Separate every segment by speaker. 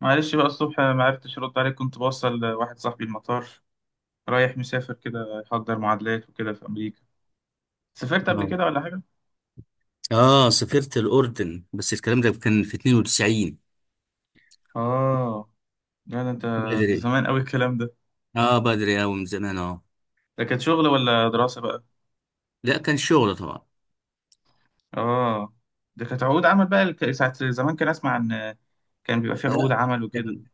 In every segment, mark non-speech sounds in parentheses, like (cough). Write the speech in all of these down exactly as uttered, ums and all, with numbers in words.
Speaker 1: معلش بقى، الصبح ما عرفتش ارد عليك، كنت بوصل واحد صاحبي المطار رايح مسافر كده يحضر معادلات وكده في امريكا. سافرت قبل
Speaker 2: اه،
Speaker 1: كده ولا حاجه؟
Speaker 2: اه، سافرت الاردن، بس الكلام ده كان في اتنين وتسعين.
Speaker 1: اه. لا ده انت.
Speaker 2: بدري،
Speaker 1: زمان قوي الكلام ده.
Speaker 2: اه، بدري اوي من زمان، اه.
Speaker 1: ده كانت شغل ولا دراسه بقى؟
Speaker 2: لا، كان شغل طبعا.
Speaker 1: اه. ده كانت عقود عمل بقى. الك- ساعه زمان كان اسمع ان كان بيبقى فيه عقود
Speaker 2: لا
Speaker 1: عمل وكده.
Speaker 2: كان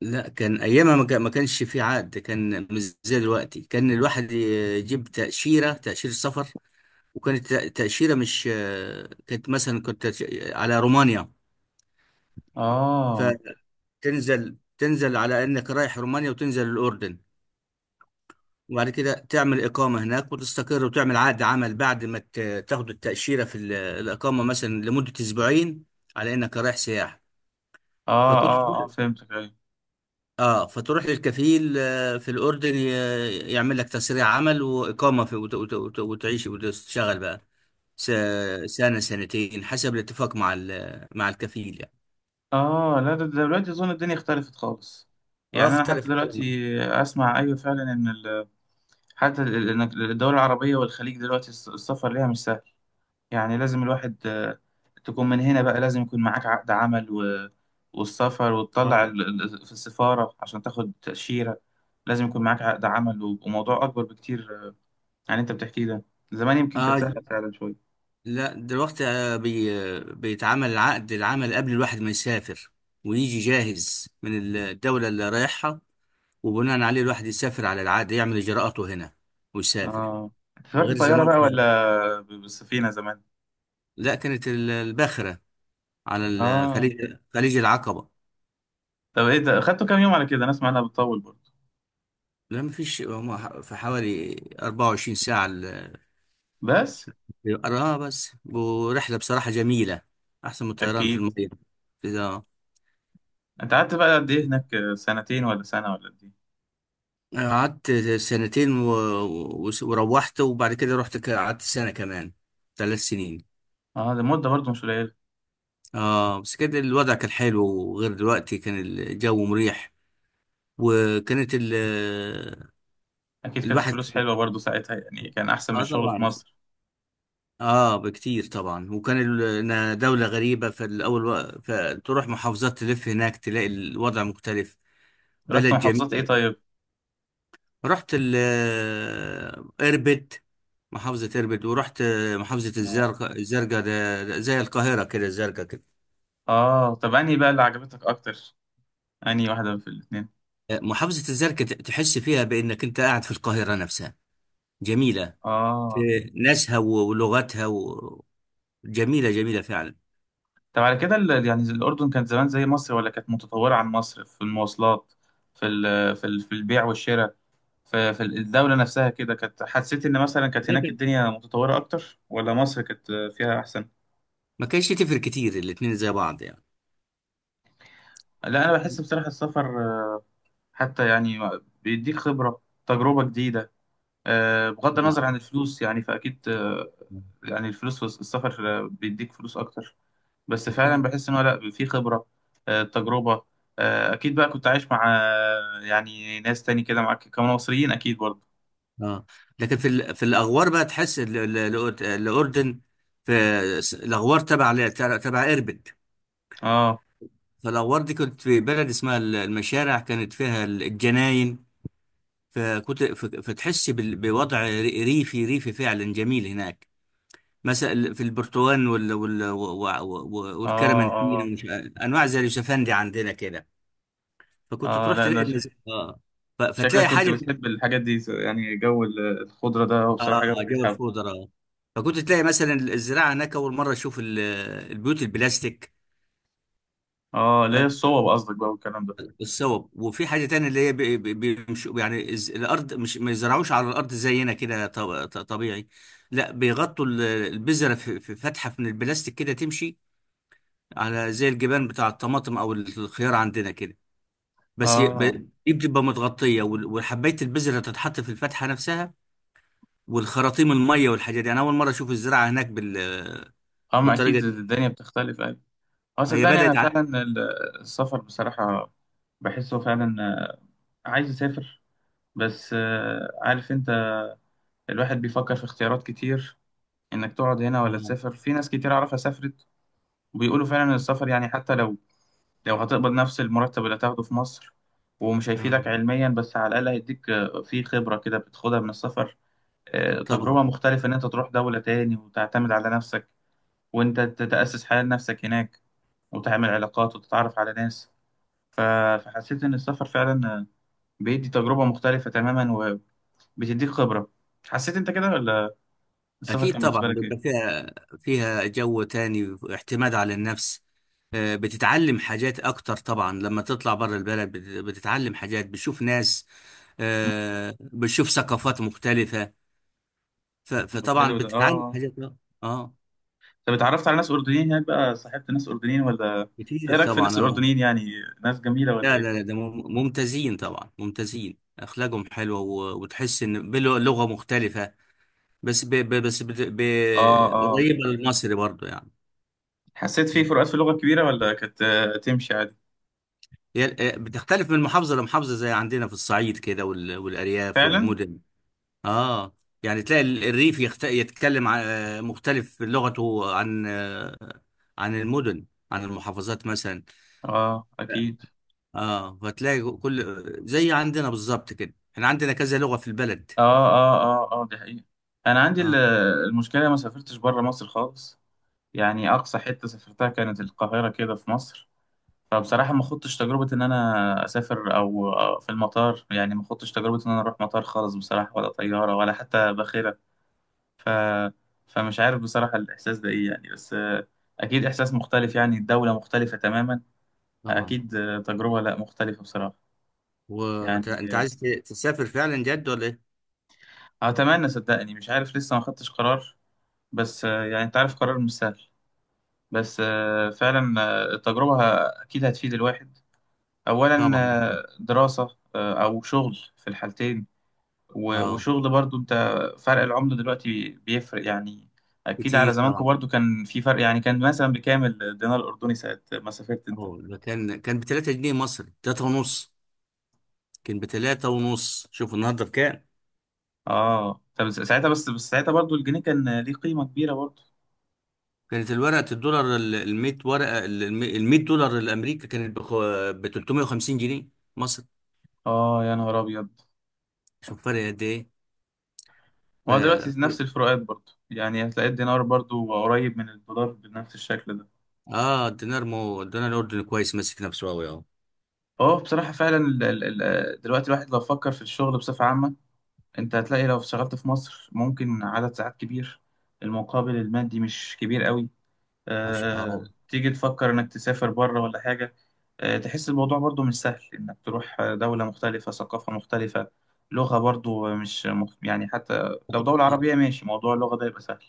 Speaker 2: لا كان ايامها ما كان- ما كانش في عقد. كان مش زي دلوقتي، كان الواحد يجيب تاشيره تاشيره سفر. وكانت تأ- تاشيره، مش آه، كانت مثلا كنت على رومانيا.
Speaker 1: اه،
Speaker 2: فتنزل تنزل على انك رايح رومانيا وتنزل الاردن، وبعد كده تعمل إقامة هناك وتستقر وتعمل عقد عمل، بعد ما ت- تاخد التأشيرة في ال- الإقامة مثلا لمدة أسبوعين، على إنك رايح سياحة.
Speaker 1: اه،
Speaker 2: فكنت تروح،
Speaker 1: اه، اه، فهمتك. ايوه.
Speaker 2: آه فتروح للكفيل، آه، في الأردن ي- يعمل لك تسريع عمل وإقامة في، وت- وت- وت- وتعيش وتشتغل بقى س- سنة سنتين، حسب الاتفاق مع ال- مع الكفيل يعني.
Speaker 1: اه، لا، ده ده دلوقتي اظن الدنيا اختلفت خالص.
Speaker 2: اه،
Speaker 1: يعني انا
Speaker 2: اختلف
Speaker 1: حتى دلوقتي
Speaker 2: آه.
Speaker 1: اسمع، ايوه فعلا ان حتى ال- ال- إنك- الدول العربية والخليج دلوقتي الس- السفر ليها مش سهل. يعني لازم الواحد آه، تكون من هنا، بقى لازم يكون معاك عقد عمل و والسفر وتطلع ال- ال- في السفارة عشان تاخد تأشيرة. لازم يكون معاك عقد عمل و- وموضوع أكبر بكتير آه، عن اللي أنت بتحكيه ده. زمان يمكن كانت
Speaker 2: اه
Speaker 1: سهلة فعلا شوية.
Speaker 2: لا، دلوقتي آه، بي آه، بيتعمل عقد العمل قبل الواحد ما يسافر، ويجي جاهز من الدولة اللي رايحها، وبناء عليه الواحد يسافر على العقد، يعمل إجراءاته هنا ويسافر.
Speaker 1: آه أنت سافرت
Speaker 2: غير
Speaker 1: بالطيارة
Speaker 2: زمان
Speaker 1: بقى ولا
Speaker 2: خالص.
Speaker 1: ب- بالسفينة زمان؟
Speaker 2: لا، كانت ال- الباخرة على ال-
Speaker 1: آه
Speaker 2: خليج خليج العقبة.
Speaker 1: طب إيه ده، خدته كام يوم على كده؟ أنا أسمع إنها بتطول برضه.
Speaker 2: لا مفيش، هم في حوالي 24 ساعة. ال-
Speaker 1: بس.
Speaker 2: اه، بس ورحلة بصراحة جميلة، أحسن من الطيران في
Speaker 1: أكيد.
Speaker 2: المية.
Speaker 1: أنت قعدت بقى قد إيه هناك، آه، سنتين ولا سنة ولا قد إيه؟
Speaker 2: قعدت سنتين و... و... وروحت، وبعد كده رحت، ك- قعدت سنة كمان. ثلاث سنين.
Speaker 1: اه، ده مدة برضه مش قليلة.
Speaker 2: اه، بس كده الوضع كان حلو، وغير دلوقتي كان الجو مريح. وكانت ال...
Speaker 1: أكيد كانت
Speaker 2: الواحد
Speaker 1: الفلوس
Speaker 2: كان-
Speaker 1: حلوة برضه ساعتها، يعني كان أحسن من
Speaker 2: اه،
Speaker 1: الشغل في
Speaker 2: طبعا.
Speaker 1: مصر.
Speaker 2: اه، بكتير طبعا. وكان ال... إنها دولة غريبة فالأول و... فتروح محافظات، تلف هناك، تلاقي الوضع مختلف.
Speaker 1: رحت
Speaker 2: بلد
Speaker 1: محافظات إيه
Speaker 2: جميلة.
Speaker 1: طيب؟
Speaker 2: رحت ال اربد، محافظة اربد، ورحت آه، محافظة
Speaker 1: اه،
Speaker 2: الزرقاء. الزرقاء ده ده زي القاهرة كده، الزرقاء كده.
Speaker 1: اه، طب أنهي بقى اللي عجبتك أكتر؟ أنهي واحدة في الاتنين؟
Speaker 2: آه، محافظة الزرقاء ت- تحس فيها بأنك أنت قاعد في القاهرة نفسها. جميلة،
Speaker 1: اه.
Speaker 2: في ناسها و- ولغتها و... جميلة جميلة فعلا.
Speaker 1: طب على كده ال- يعني الأردن كانت زمان زي مصر ولا كانت متطورة عن مصر، في المواصلات، في ال في ال في البيع والشراء، في في الدولة نفسها كده، كانت حسيت إن مثلا كانت هناك
Speaker 2: لكن
Speaker 1: الدنيا متطورة أكتر ولا مصر كانت فيها أحسن؟
Speaker 2: ما كانش تفرق كتير، الاتنين زي بعض يعني.
Speaker 1: لا، أنا بحس بصراحة السفر، آه، حتى يعني، بيديك خبرة، تجربة جديدة. آه، بغض النظر
Speaker 2: طبعا.
Speaker 1: عن الفلوس يعني، فأكيد آه، يعني الفلوس والسفر، آه، بيديك فلوس أكتر. بس فعلا
Speaker 2: أكيد،
Speaker 1: بحس إن هو، لأ، في خبرة، آه، تجربة. آه، أكيد بقى كنت عايش مع آه، يعني ناس تاني كده معاك كانوا مصريين أكيد برضه.
Speaker 2: اه. لكن في ال... في الأغوار بقى تحس ال- ال- الأردن، في الأغوار تبع ل- تبع اربد.
Speaker 1: آه،
Speaker 2: فالأغوار دي، كنت في بلد اسمها ال- المشارع، كانت فيها ال- الجناين. فكنت ف- فتحس بال- بوضع ري- ريفي ريفي فعلا، جميل هناك. مثلا في البرتقال وال وال و- و-
Speaker 1: آه،
Speaker 2: والكرمنتين،
Speaker 1: آه،
Speaker 2: ومش ع- انواع زي اليوسفندي عندنا كده. فكنت
Speaker 1: آه
Speaker 2: تروح
Speaker 1: لأ
Speaker 2: تلاقي
Speaker 1: ده
Speaker 2: النز...
Speaker 1: شك-
Speaker 2: اه ف-
Speaker 1: شكلك
Speaker 2: فتلاقي
Speaker 1: كنت
Speaker 2: حاجه.
Speaker 1: بتحب الحاجات دي يعني، جو ال- الخضرة ده هو
Speaker 2: اه،
Speaker 1: بصراحة جو
Speaker 2: جو
Speaker 1: بيتحب.
Speaker 2: الخضره. فكنت تلاقي مثلا الزراعه هناك، اول مره اشوف ال- البيوت البلاستيك،
Speaker 1: آه اللي هي الصوب قصدك بقى والكلام ده.
Speaker 2: الصوب. وفي حاجة تانية، اللي هي بي- بي- بيمشوا يعني، الز- الأرض مش ما يزرعوش على الأرض زينا كده ط- ط- طبيعي. لا، بيغطوا ال- البذرة في في فتحة من البلاستيك كده، تمشي على زي الجبان بتاع الطماطم أو الخيار عندنا كده. بس ي-
Speaker 1: آه
Speaker 2: ب- دي بتبقى متغطية، وال- وحباية البذرة تتحط في الفتحة نفسها. والخراطيم المية والحاجات دي، أنا أول مرة أشوف الزراعة هناك بال
Speaker 1: أما
Speaker 2: بالطريقة
Speaker 1: أكيد
Speaker 2: دي.
Speaker 1: الدنيا بتختلف. اه،
Speaker 2: هي
Speaker 1: صدقني، انا
Speaker 2: بدأت ع...
Speaker 1: فعلا ال- السفر بصراحة، بحسه فعلا، عايز يسافر. بس آه، عارف انت، الواحد بيفكر في اختيارات كتير، انك تقعد هنا ولا
Speaker 2: آه،
Speaker 1: تسافر، في ناس كتير اعرفها سافرت، وبيقولوا فعلا ان السفر، يعني حتى لو لو هتقبض نفس المرتب اللي هتاخده في مصر، ومش
Speaker 2: آه،
Speaker 1: هيفيدك علميا، بس على الاقل هيديك آه، في خبرة كده بتاخدها من السفر، آه، تجربة
Speaker 2: طبعا.
Speaker 1: مختلفة، ان انت تروح دولة تاني وتعتمد على نفسك، وانت تتأسس حياة لنفسك هناك، وتعمل علاقات وتتعرف على ناس. ف- فحسيت إن السفر فعلا بيدي تجربة مختلفة تماما، وبتديك خبرة. حسيت أنت كده، ولا السفر
Speaker 2: أكيد
Speaker 1: كان
Speaker 2: طبعا،
Speaker 1: بالنسبة لك
Speaker 2: بيبقى
Speaker 1: إيه؟
Speaker 2: فيها، فيها جو تاني، اعتماد على النفس. آه، بتتعلم حاجات أكتر طبعا، لما تطلع بره البلد بت- بتتعلم حاجات، بتشوف ناس،
Speaker 1: مم.
Speaker 2: آه، بتشوف ثقافات مختلفة. ف-
Speaker 1: طب
Speaker 2: فطبعا
Speaker 1: حلو ده.
Speaker 2: بتتعلم
Speaker 1: آه
Speaker 2: حاجات، اه. آه،
Speaker 1: طب اتعرفت على ناس أردنيين هناك بقى؟ صاحبت ناس أردنيين ولا إنت
Speaker 2: كتير
Speaker 1: إيه رأيك في
Speaker 2: طبعا،
Speaker 1: الناس
Speaker 2: اه.
Speaker 1: الأردنيين يعني؟ ناس جميلة ولا
Speaker 2: لا، لا، لا،
Speaker 1: إيه؟
Speaker 2: ده مم- ممتازين طبعا، ممتازين، أخلاقهم حلوة، و- وتحس إن بلغة مختلفة، بس ب ب بس بت-
Speaker 1: آه،
Speaker 2: ب-
Speaker 1: آه.
Speaker 2: قريبة للمصري برضو يعني.
Speaker 1: حسيت في فروقات في اللغة كبيرة، ولا كانت آه، تمشي عادي؟
Speaker 2: هي- بتختلف من محافظة لمحافظة، زي عندنا في الصعيد كده، وال- والأرياف
Speaker 1: فعلا؟
Speaker 2: والمدن. اه يعني تلاقي ال- الريف يخت... يتكلم، ع- آه، مختلف لغته عن آه، عن المدن، عن المحافظات مثلا.
Speaker 1: آه أكيد.
Speaker 2: اه، فتلاقي كل، زي عندنا بالظبط كده، احنا عندنا كذا لغة في البلد.
Speaker 1: آه، آه، آه، آه دي حقيقة. أنا عندي ال-
Speaker 2: اه،
Speaker 1: المشكلة، ما سافرتش بره مصر خالص. يعني أقصى حتة سافرتها كانت القاهرة كده في مصر. فبصراحة ما خضتش تجربة إن أنا أسافر أو أو في المطار، يعني ما خضتش تجربة إن أنا أروح مطار خالص بصراحة، ولا طيارة، ولا حتى باخرة. ف... فمش عارف بصراحة الإحساس ده إيه، يعني بس آه، أكيد إحساس مختلف، يعني الدولة مختلفة تماما.
Speaker 2: طبعا.
Speaker 1: أكيد آه، تجربة، لأ مختلفة بصراحة.
Speaker 2: وانت، انت
Speaker 1: يعني،
Speaker 2: عايز ت- تسافر فعلا جد ولا ايه؟
Speaker 1: آه، أتمنى، صدقني مش عارف لسه ما خدتش قرار. بس آه، يعني أنت عارف قرار مش سهل. بس آه، فعلا آه، التجربة ه- أكيد هتفيد الواحد. أولا
Speaker 2: طبعا.
Speaker 1: آه، دراسة، آه، أو شغل، في الحالتين. و-
Speaker 2: اه،
Speaker 1: وشغل برضو انت، فرق العملة دلوقتي بيفرق يعني. اكيد على
Speaker 2: كتير
Speaker 1: زمانكم
Speaker 2: طبعا،
Speaker 1: برضو كان في فرق، يعني كان مثلا بكام الدينار الاردني ساعة ما سافرت انت؟
Speaker 2: اه. ده كان، كان ب تلات جنيه مصري، ثلاثة ونص. كان بتلاتة ونص، شوف النهارده بكام.
Speaker 1: اه، طب ساعتها، بس بس ساعتها برضو الجنيه كان ليه قيمة كبيرة برضو.
Speaker 2: كانت الورقة الدولار، ال- الميت ورقة، الميت دولار الأمريكا كانت ب تلتميه وخمسين جنيه مصر.
Speaker 1: اه، يا نهار ابيض.
Speaker 2: شوف فرق قد إيه.
Speaker 1: ما هو دلوقتي
Speaker 2: ف- ف-
Speaker 1: نفس الفروقات برضو، يعني هتلاقي الدينار برضو قريب من الدولار بنفس الشكل ده.
Speaker 2: اه الدينار، مو الدينار الأردني كويس، ماسك نفسه أوي أهو.
Speaker 1: اه، بصراحة فعلا ال- ال- ال- دلوقتي الواحد لو فكر في الشغل بصفة عامة، انت هتلاقي لو اشتغلت في مصر ممكن عدد ساعات كبير، المقابل المادي مش كبير قوي.
Speaker 2: عش...
Speaker 1: آه،
Speaker 2: اه
Speaker 1: تيجي تفكر إنك تسافر بره ولا حاجة، آه، تحس الموضوع برضو مش سهل، إنك تروح دولة مختلفة، ثقافة مختلفة، لغة برضو مش مخ... يعني حتى لو دولة
Speaker 2: اه.
Speaker 1: عربية ماشي، موضوع اللغة ده يبقى سهل.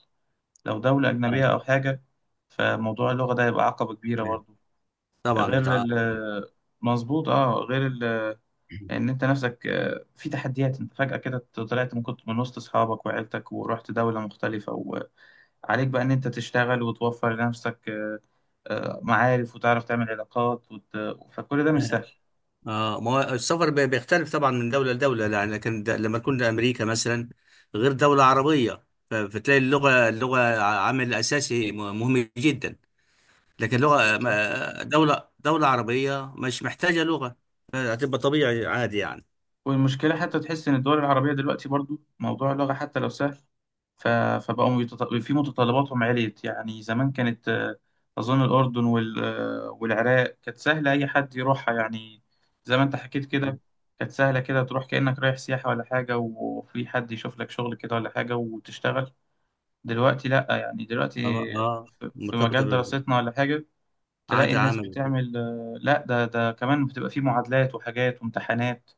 Speaker 1: لو دولة أجنبية
Speaker 2: آه.
Speaker 1: أو حاجة، فموضوع اللغة ده يبقى عقبة كبيرة برضو.
Speaker 2: طبعا،
Speaker 1: غير
Speaker 2: بتاع،
Speaker 1: ال مظبوط. اه، غير ال ان انت نفسك آه، في تحديات، انت فجأة كده طلعت من كنت من وسط اصحابك وعيلتك ورحت دولة مختلفة، وعليك بقى ان انت تشتغل وتوفر لنفسك آه، معارف، وتعرف تعمل علاقات وت... فكل ده مش
Speaker 2: اه.
Speaker 1: سهل.
Speaker 2: آه، ما هو السفر بي- بيختلف طبعا من دولة لدولة، لا- لكن د- لما تكون لأمريكا مثلا، غير دولة عربية. ف- فتلاقي اللغة، اللغة ع- عامل أساسي م- مهم جدا. لكن لغة،
Speaker 1: بالظبط.
Speaker 2: ما- دولة دولة عربية مش محتاجة لغة، هتبقى طبيعي عادي يعني.
Speaker 1: والمشكلة حتى تحس إن الدول العربية دلوقتي برضو موضوع اللغة حتى لو سهل، ف... فبقوا يتط... في متطلباتهم عليت، يعني زمان كانت آه، أظن الأردن وال... آه، والعراق كانت سهلة أي حد يروحها يعني. زي ما أنت حكيت
Speaker 2: اه،
Speaker 1: كده، كانت سهلة كده، تروح كأنك رايح سياحة ولا حاجة وفي حد يشوف لك شغل كده ولا حاجة وتشتغل. دلوقتي لأ، يعني دلوقتي
Speaker 2: اه،
Speaker 1: في في
Speaker 2: مرتبطة
Speaker 1: مجال دراستنا ولا حاجة، تلاقي
Speaker 2: بعادة
Speaker 1: الناس
Speaker 2: عامة وكده.
Speaker 1: بتعمل، آه، لا ده ده كمان بتبقى فيه معادلات وحاجات وامتحانات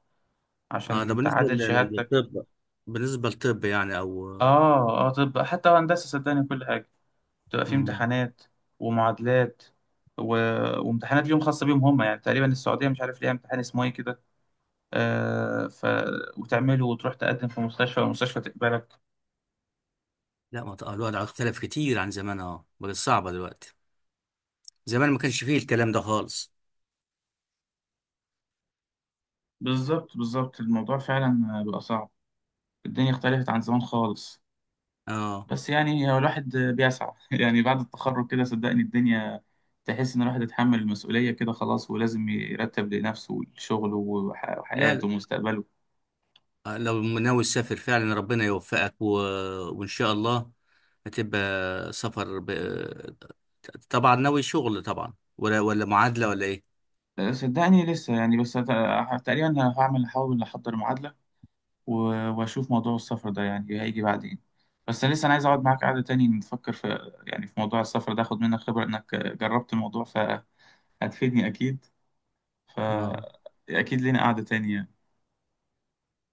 Speaker 2: اه، ده
Speaker 1: عشان
Speaker 2: بالنسبة
Speaker 1: تعادل
Speaker 2: لل- لل-
Speaker 1: شهادتك.
Speaker 2: للطب، بالنسبة للطب يعني، او.
Speaker 1: اه، اه، طب حتى هندسة صدقني كل حاجة بتبقى فيه
Speaker 2: مم.
Speaker 1: امتحانات ومعادلات و... وامتحانات ليهم خاصة بيهم هم، يعني تقريبا السعودية مش عارف ليها امتحان اسمه ايه كده. آه ف... وتعمله وتروح تقدم في مستشفى والمستشفى تقبلك.
Speaker 2: لا، ما ت- الوضع اختلف كتير عن زمان. اه، بقت صعبة دلوقتي، زمان ما كانش فيه الكلام ده خالص.
Speaker 1: بالظبط، بالظبط، الموضوع فعلا بقى صعب، الدنيا اختلفت عن زمان خالص.
Speaker 2: اه.
Speaker 1: بس يعني هو الواحد بيسعى (laughs) يعني بعد التخرج كده صدقني الدنيا، تحس ان الواحد اتحمل المسؤولية كده خلاص، ولازم يرتب لنفسه شغله وح-
Speaker 2: لا،
Speaker 1: وحياته ومستقبله.
Speaker 2: لو ناوي تسافر فعلا ربنا يوفقك و... وإن شاء الله هتبقى سفر ب... طبعا. ناوي شغل طبعا، ولا ولا معادلة ولا إيه؟
Speaker 1: أه، صدقني لسه، يعني بس أت- تقريبا هعمل هحاول احضر معادلة، و- واشوف موضوع السفر ده، يعني هيجي بعدين. بس لسه انا عايز اقعد معاك قعدة تاني نفكر في، يعني في موضوع السفر ده، اخد منك خبرة انك جربت الموضوع، فهتفيدني اكيد.
Speaker 2: اه.
Speaker 1: فاكيد لنا قعدة تانية.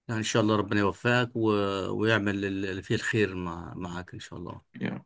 Speaker 2: لا، إن شاء الله ربنا يوفقك و... ويعمل اللي فيه الخير مع... معاك إن شاء الله.
Speaker 1: يعني.